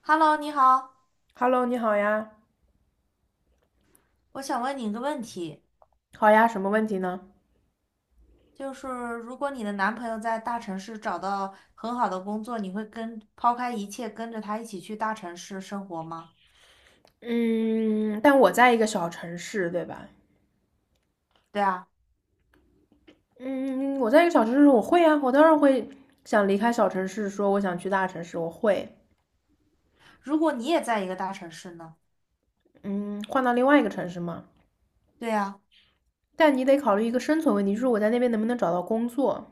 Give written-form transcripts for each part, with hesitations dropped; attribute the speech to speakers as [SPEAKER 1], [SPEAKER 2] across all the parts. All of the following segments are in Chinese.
[SPEAKER 1] Hello，你好，
[SPEAKER 2] Hello，你好呀，
[SPEAKER 1] 我想问你一个问题，
[SPEAKER 2] 好呀，什么问题呢？
[SPEAKER 1] 就是如果你的男朋友在大城市找到很好的工作，你会跟抛开一切跟着他一起去大城市生活吗？
[SPEAKER 2] 嗯，但我在一个小城市，对吧？
[SPEAKER 1] 对啊，
[SPEAKER 2] 嗯，我在一个小城市，我会啊，我当然会想离开小城市，说我想去大城市，我会，
[SPEAKER 1] 如果你也在一个大城市呢？
[SPEAKER 2] 嗯，换到另外一个城市嘛。
[SPEAKER 1] 对啊，
[SPEAKER 2] 但你得考虑一个生存问题，就是我在那边能不能找到工作。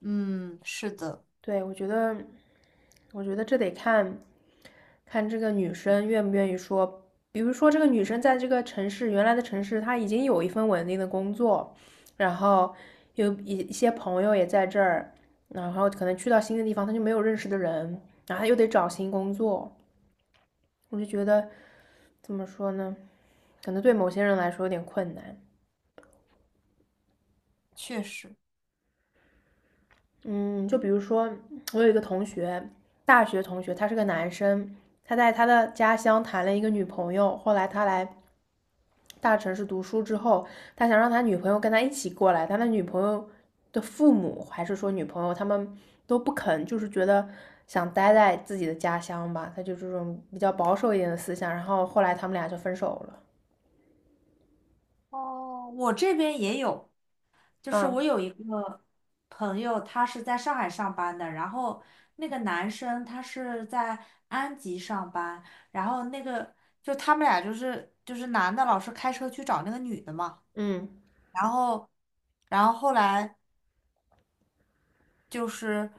[SPEAKER 1] 嗯，是的，
[SPEAKER 2] 对，我觉得这得看这个女生愿不愿意说。比如说，这个女生在这个城市原来的城市，她已经有一份稳定的工作，然后有一些朋友也在这儿，然后可能去到新的地方，她就没有认识的人，然后她又得找新工作。我就觉得怎么说呢？可能对某些人来说有点困难。
[SPEAKER 1] 确实。
[SPEAKER 2] 嗯，就比如说，我有一个同学，大学同学，他是个男生，他在他的家乡谈了一个女朋友，后来他来大城市读书之后，他想让他女朋友跟他一起过来，他女朋友的父母还是说女朋友他们都不肯，就是觉得想待在自己的家乡吧，他就这种比较保守一点的思想。然后后来他们俩就分手了。
[SPEAKER 1] 哦，我这边也有。就是
[SPEAKER 2] 啊，
[SPEAKER 1] 我有一个朋友，他是在上海上班的，然后那个男生他是在安吉上班，然后那个就他们俩就是男的老是开车去找那个女的嘛，
[SPEAKER 2] 嗯，
[SPEAKER 1] 然后然后后来。就是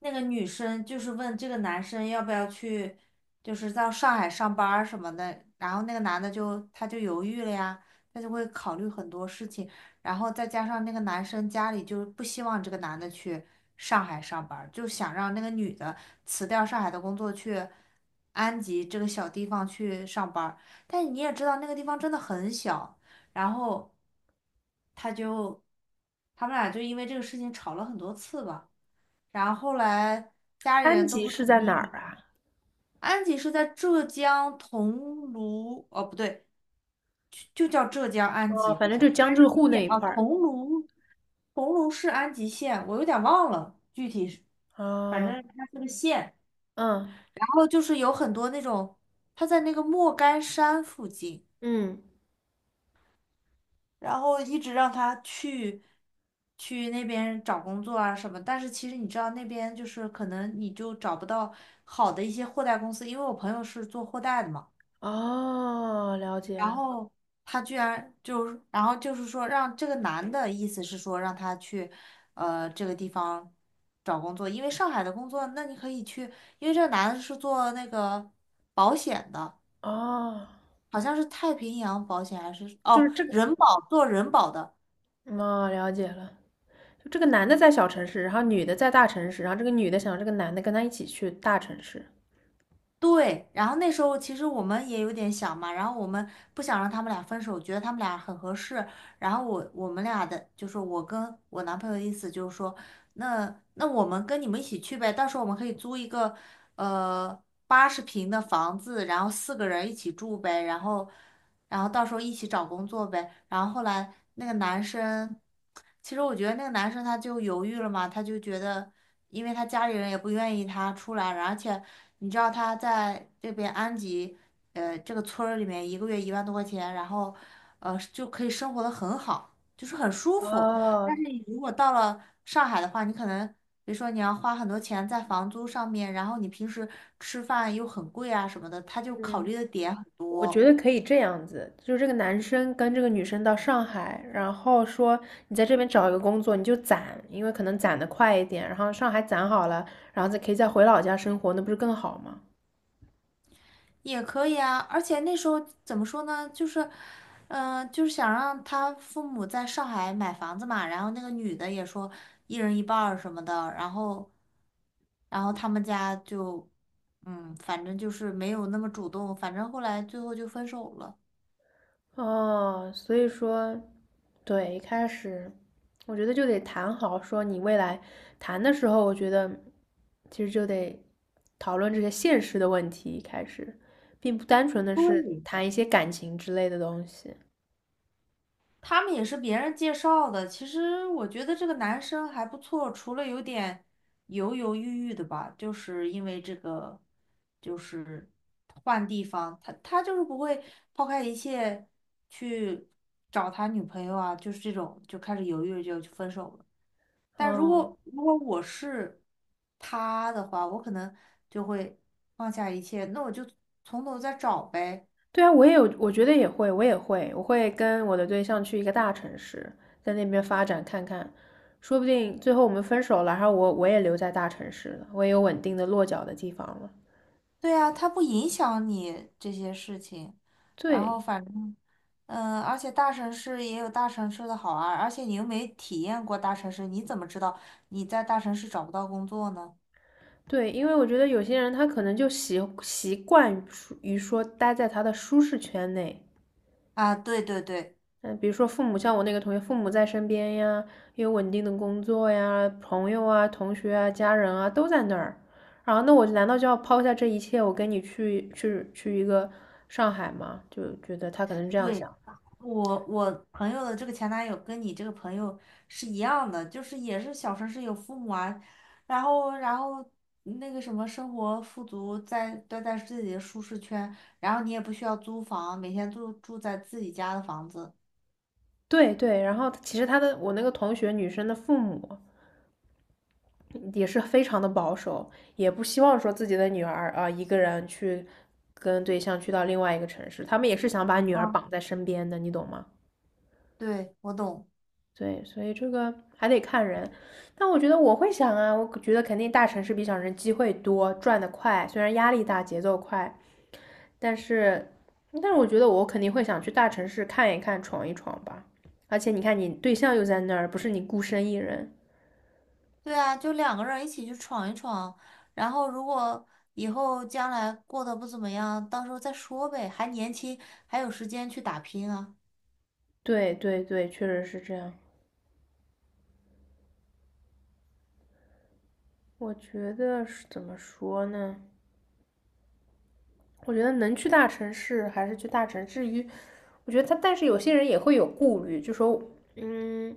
[SPEAKER 1] 那个女生就是问这个男生要不要去，就是到上海上班儿什么的，然后那个男的他就犹豫了呀，他就会考虑很多事情，然后再加上那个男生家里就是不希望这个男的去上海上班儿就想让那个女的辞掉上海的工作去安吉这个小地方去上班儿，但你也知道那个地方真的很小。然后他就他们俩就因为这个事情吵了很多次吧。然后后来家里
[SPEAKER 2] 安
[SPEAKER 1] 人都
[SPEAKER 2] 吉
[SPEAKER 1] 不
[SPEAKER 2] 是
[SPEAKER 1] 同
[SPEAKER 2] 在哪儿
[SPEAKER 1] 意。
[SPEAKER 2] 啊？
[SPEAKER 1] 安吉是在浙江桐庐，哦不对，就就叫浙江安
[SPEAKER 2] 哦，
[SPEAKER 1] 吉，
[SPEAKER 2] 反
[SPEAKER 1] 好
[SPEAKER 2] 正
[SPEAKER 1] 像
[SPEAKER 2] 就江浙
[SPEAKER 1] 安
[SPEAKER 2] 沪
[SPEAKER 1] 吉
[SPEAKER 2] 那
[SPEAKER 1] 县
[SPEAKER 2] 一
[SPEAKER 1] 啊，
[SPEAKER 2] 块儿。
[SPEAKER 1] 桐庐，桐庐市安吉县，我有点忘了具体是，反
[SPEAKER 2] 啊，
[SPEAKER 1] 正它是个县。
[SPEAKER 2] 嗯
[SPEAKER 1] 然后就是有很多那种，它在那个莫干山附近。
[SPEAKER 2] 嗯，
[SPEAKER 1] 然后一直让他去那边找工作啊什么，但是其实你知道那边就是可能你就找不到好的一些货代公司，因为我朋友是做货代的嘛，
[SPEAKER 2] 哦，了解
[SPEAKER 1] 然
[SPEAKER 2] 了。
[SPEAKER 1] 后他居然就是然后就是说让这个男的意思是说让他去这个地方找工作，因为上海的工作，那你可以去，因为这个男的是做那个保险的，
[SPEAKER 2] 哦，
[SPEAKER 1] 好像是太平洋保险还是
[SPEAKER 2] 就
[SPEAKER 1] 哦
[SPEAKER 2] 是这个，
[SPEAKER 1] 人保做人保的。
[SPEAKER 2] 哦，了解了。就这个男的在小城市，然后女的在大城市，然后这个女的想让这个男的跟她一起去大城市。
[SPEAKER 1] 对，然后那时候其实我们也有点想嘛，然后我们不想让他们俩分手，觉得他们俩很合适。然后我们俩的就是我跟我男朋友的意思就是说，那我们跟你们一起去呗，到时候我们可以租一个呃80平的房子，然后四个人一起住呗，然后到时候一起找工作呗。然后后来那个男生，其实我觉得那个男生他就犹豫了嘛，他就觉得，因为他家里人也不愿意他出来，而且你知道他在这边安吉，这个村儿里面一个月1万多块钱，就可以生活的很好，就是很舒服。
[SPEAKER 2] 哦，
[SPEAKER 1] 你如果到了上海的话，你可能。比如说你要花很多钱在房租上面，然后你平时吃饭又很贵啊什么的，他就考
[SPEAKER 2] 嗯，
[SPEAKER 1] 虑的点很
[SPEAKER 2] 我觉
[SPEAKER 1] 多。
[SPEAKER 2] 得可以这样子，就是这个男生跟这个女生到上海，然后说你在这边找一个工作，你就攒，因为可能攒的快一点，然后上海攒好了，然后再可以再回老家生活，那不是更好吗？
[SPEAKER 1] 也可以啊，而且那时候怎么说呢，就是，嗯、就是想让他父母在上海买房子嘛，然后那个女的也说一人一半儿什么的，然后，他们家就，嗯，反正就是没有那么主动，反正后来最后就分手了。
[SPEAKER 2] 哦，所以说对，一开始我觉得就得谈好，说你未来谈的时候，我觉得其实就得讨论这些现实的问题，一开始，并不单纯的是
[SPEAKER 1] 对，
[SPEAKER 2] 谈一些感情之类的东西。
[SPEAKER 1] 他们也是别人介绍的。其实我觉得这个男生还不错，除了有点犹犹豫豫的吧，就是因为这个，就是换地方，他就是不会抛开一切去找他女朋友啊，就是这种就开始犹豫就分手了。但如
[SPEAKER 2] 嗯，
[SPEAKER 1] 果如果我是他的话，我可能就会放下一切，那我就从头再找呗。
[SPEAKER 2] 对啊，我也有，我觉得也会，我也会，我会跟我的对象去一个大城市，在那边发展看看，说不定最后我们分手了，然后我也留在大城市了，我也有稳定的落脚的地方了。
[SPEAKER 1] 对啊，它不影响你这些事情，然后
[SPEAKER 2] 对，
[SPEAKER 1] 反正，嗯，而且大城市也有大城市的好啊，而且你又没体验过大城市，你怎么知道你在大城市找不到工作呢？
[SPEAKER 2] 对，因为我觉得有些人他可能就习惯于说待在他的舒适圈内，
[SPEAKER 1] 啊，对对对
[SPEAKER 2] 嗯，比如说父母，像我那个同学，父母在身边呀，有稳定的工作呀，朋友啊、同学啊、家人啊都在那儿，然后那我难道就要抛下这一切，我跟你去一个上海吗？就觉得他可能是这样
[SPEAKER 1] 对，
[SPEAKER 2] 想。
[SPEAKER 1] 我朋友的这个前男友跟你这个朋友是一样的，就是也是小城市有父母啊，然后那个什么生活富足在，待在自己的舒适圈，然后你也不需要租房，每天住在自己家的房子。
[SPEAKER 2] 对对，然后其实他的我那个同学女生的父母，也是非常的保守，也不希望说自己的女儿啊、一个人去跟对象去到另外一个城市，他们也是想把女儿
[SPEAKER 1] 啊，
[SPEAKER 2] 绑在身边的，你懂吗？
[SPEAKER 1] 对，我懂。
[SPEAKER 2] 对，所以这个还得看人，但我觉得我会想啊，我觉得肯定大城市比小城市机会多，赚得快，虽然压力大，节奏快，但是，但是我觉得我肯定会想去大城市看一看，闯一闯吧。而且你看，你对象又在那儿，不是你孤身一人。
[SPEAKER 1] 对啊，就两个人一起去闯一闯，然后如果以后将来过得不怎么样，到时候再说呗，还年轻，还有时间去打拼啊。
[SPEAKER 2] 对对对，确实是这样。我觉得是怎么说呢？我觉得能去大城市还是去大城市。至于我觉得他，但是有些人也会有顾虑，就说，嗯，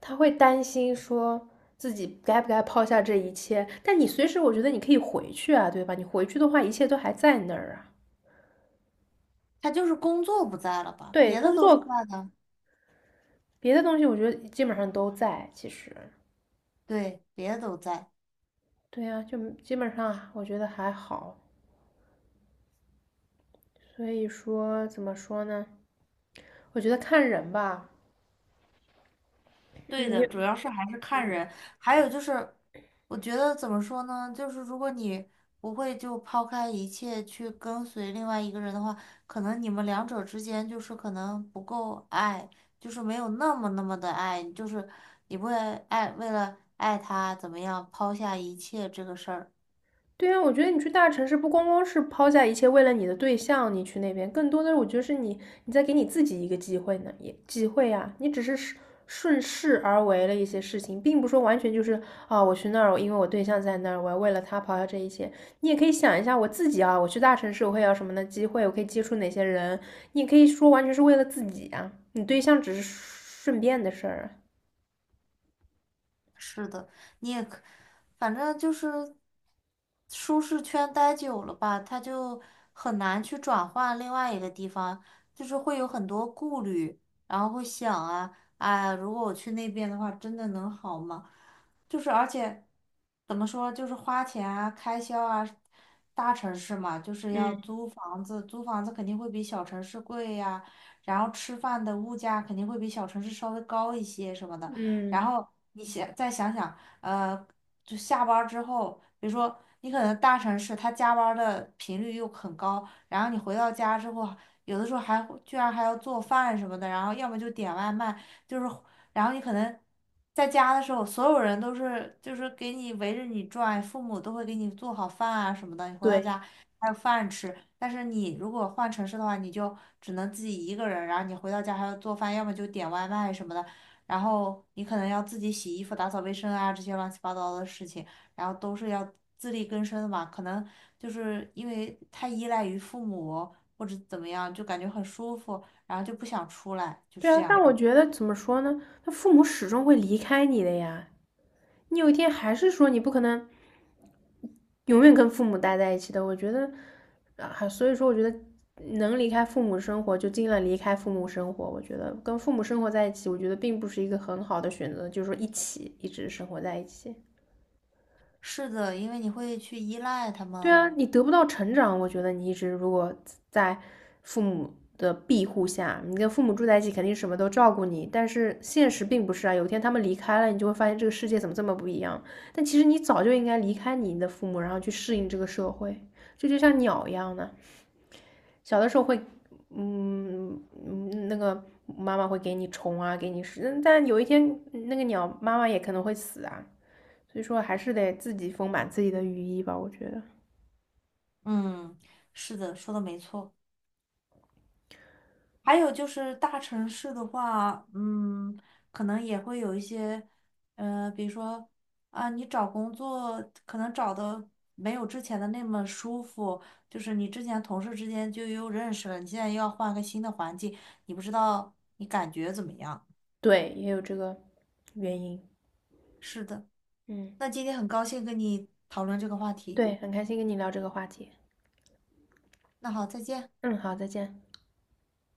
[SPEAKER 2] 他会担心说自己该不该抛下这一切。但你随时，我觉得你可以回去啊，对吧？你回去的话，一切都还在那儿啊。
[SPEAKER 1] 他就是工作不在了吧，
[SPEAKER 2] 对，
[SPEAKER 1] 别的
[SPEAKER 2] 工
[SPEAKER 1] 都是
[SPEAKER 2] 作
[SPEAKER 1] 在的，
[SPEAKER 2] 别的东西，我觉得基本上都在。其实，
[SPEAKER 1] 对，别的都在。
[SPEAKER 2] 对呀、就基本上我觉得还好。所以说，怎么说呢？我觉得看人吧，
[SPEAKER 1] 对的，主要是还是看人，还有就是，我觉得怎么说呢，就是如果你不会就抛开一切去跟随另外一个人的话，可能你们两者之间就是可能不够爱，就是没有那么那么的爱，就是你不会爱，为了爱他怎么样抛下一切这个事儿。
[SPEAKER 2] 对啊，我觉得你去大城市不光光是抛下一切为了你的对象，你去那边，更多的我觉得是你你在给你自己一个机会呢，也机会啊，你只是顺势而为了一些事情，并不说完全就是啊，我去那儿，我因为我对象在那儿，我要为了他抛下这一切。你也可以想一下我自己啊，我去大城市我会有什么的机会，我可以接触哪些人，你也可以说完全是为了自己啊，你对象只是顺便的事儿啊。
[SPEAKER 1] 是的，你也可，反正就是舒适圈待久了吧，他就很难去转换另外一个地方，就是会有很多顾虑，然后会想啊，哎呀如果我去那边的话，真的能好吗？就是而且怎么说，就是花钱啊、开销啊，大城市嘛，就是要
[SPEAKER 2] 嗯，
[SPEAKER 1] 租房子，租房子肯定会比小城市贵呀，然后吃饭的物价肯定会比小城市稍微高一些什么的。然
[SPEAKER 2] 嗯，
[SPEAKER 1] 后你想再想想，呃，就下班儿之后，比如说你可能大城市他加班儿的频率又很高，然后你回到家之后，有的时候还会居然还要做饭什么的，然后要么就点外卖，就是然后你可能在家的时候，所有人都是就是给你围着你转，父母都会给你做好饭啊什么的，你回到
[SPEAKER 2] 对。
[SPEAKER 1] 家还有饭吃。但是你如果换城市的话，你就只能自己一个人，然后你回到家还要做饭，要么就点外卖什么的。然后你可能要自己洗衣服、打扫卫生啊，这些乱七八糟的事情，然后都是要自力更生的嘛。可能就是因为太依赖于父母或者怎么样，就感觉很舒服，然后就不想出来，就
[SPEAKER 2] 对
[SPEAKER 1] 是这
[SPEAKER 2] 啊，但
[SPEAKER 1] 样。
[SPEAKER 2] 我觉得怎么说呢？他父母始终会离开你的呀。你有一天还是说你不可能永远跟父母待在一起的。我觉得，啊，所以说我觉得能离开父母生活就尽量离开父母生活。我觉得跟父母生活在一起，我觉得并不是一个很好的选择，就是说一起一直生活在一起。
[SPEAKER 1] 是的，因为你会去依赖他
[SPEAKER 2] 对
[SPEAKER 1] 们。
[SPEAKER 2] 啊，你得不到成长，我觉得你一直如果在父母的庇护下，你跟父母住在一起，肯定什么都照顾你。但是现实并不是啊，有一天他们离开了，你就会发现这个世界怎么这么不一样。但其实你早就应该离开你的父母，然后去适应这个社会，这就像鸟一样的。小的时候会，那个妈妈会给你虫啊，给你食，但有一天那个鸟妈妈也可能会死啊。所以说，还是得自己丰满自己的羽翼吧，我觉得。
[SPEAKER 1] 嗯，是的，说的没错。还有就是大城市的话，嗯，可能也会有一些，比如说啊，你找工作可能找的没有之前的那么舒服，就是你之前同事之间就又认识了，你现在又要换个新的环境，你不知道你感觉怎么样？
[SPEAKER 2] 对，也有这个原因。
[SPEAKER 1] 是的，
[SPEAKER 2] 嗯，
[SPEAKER 1] 那今天很高兴跟你讨论这个话题，
[SPEAKER 2] 对，很开心跟你聊这个话题。
[SPEAKER 1] 那好，再见。
[SPEAKER 2] 嗯，好，再见。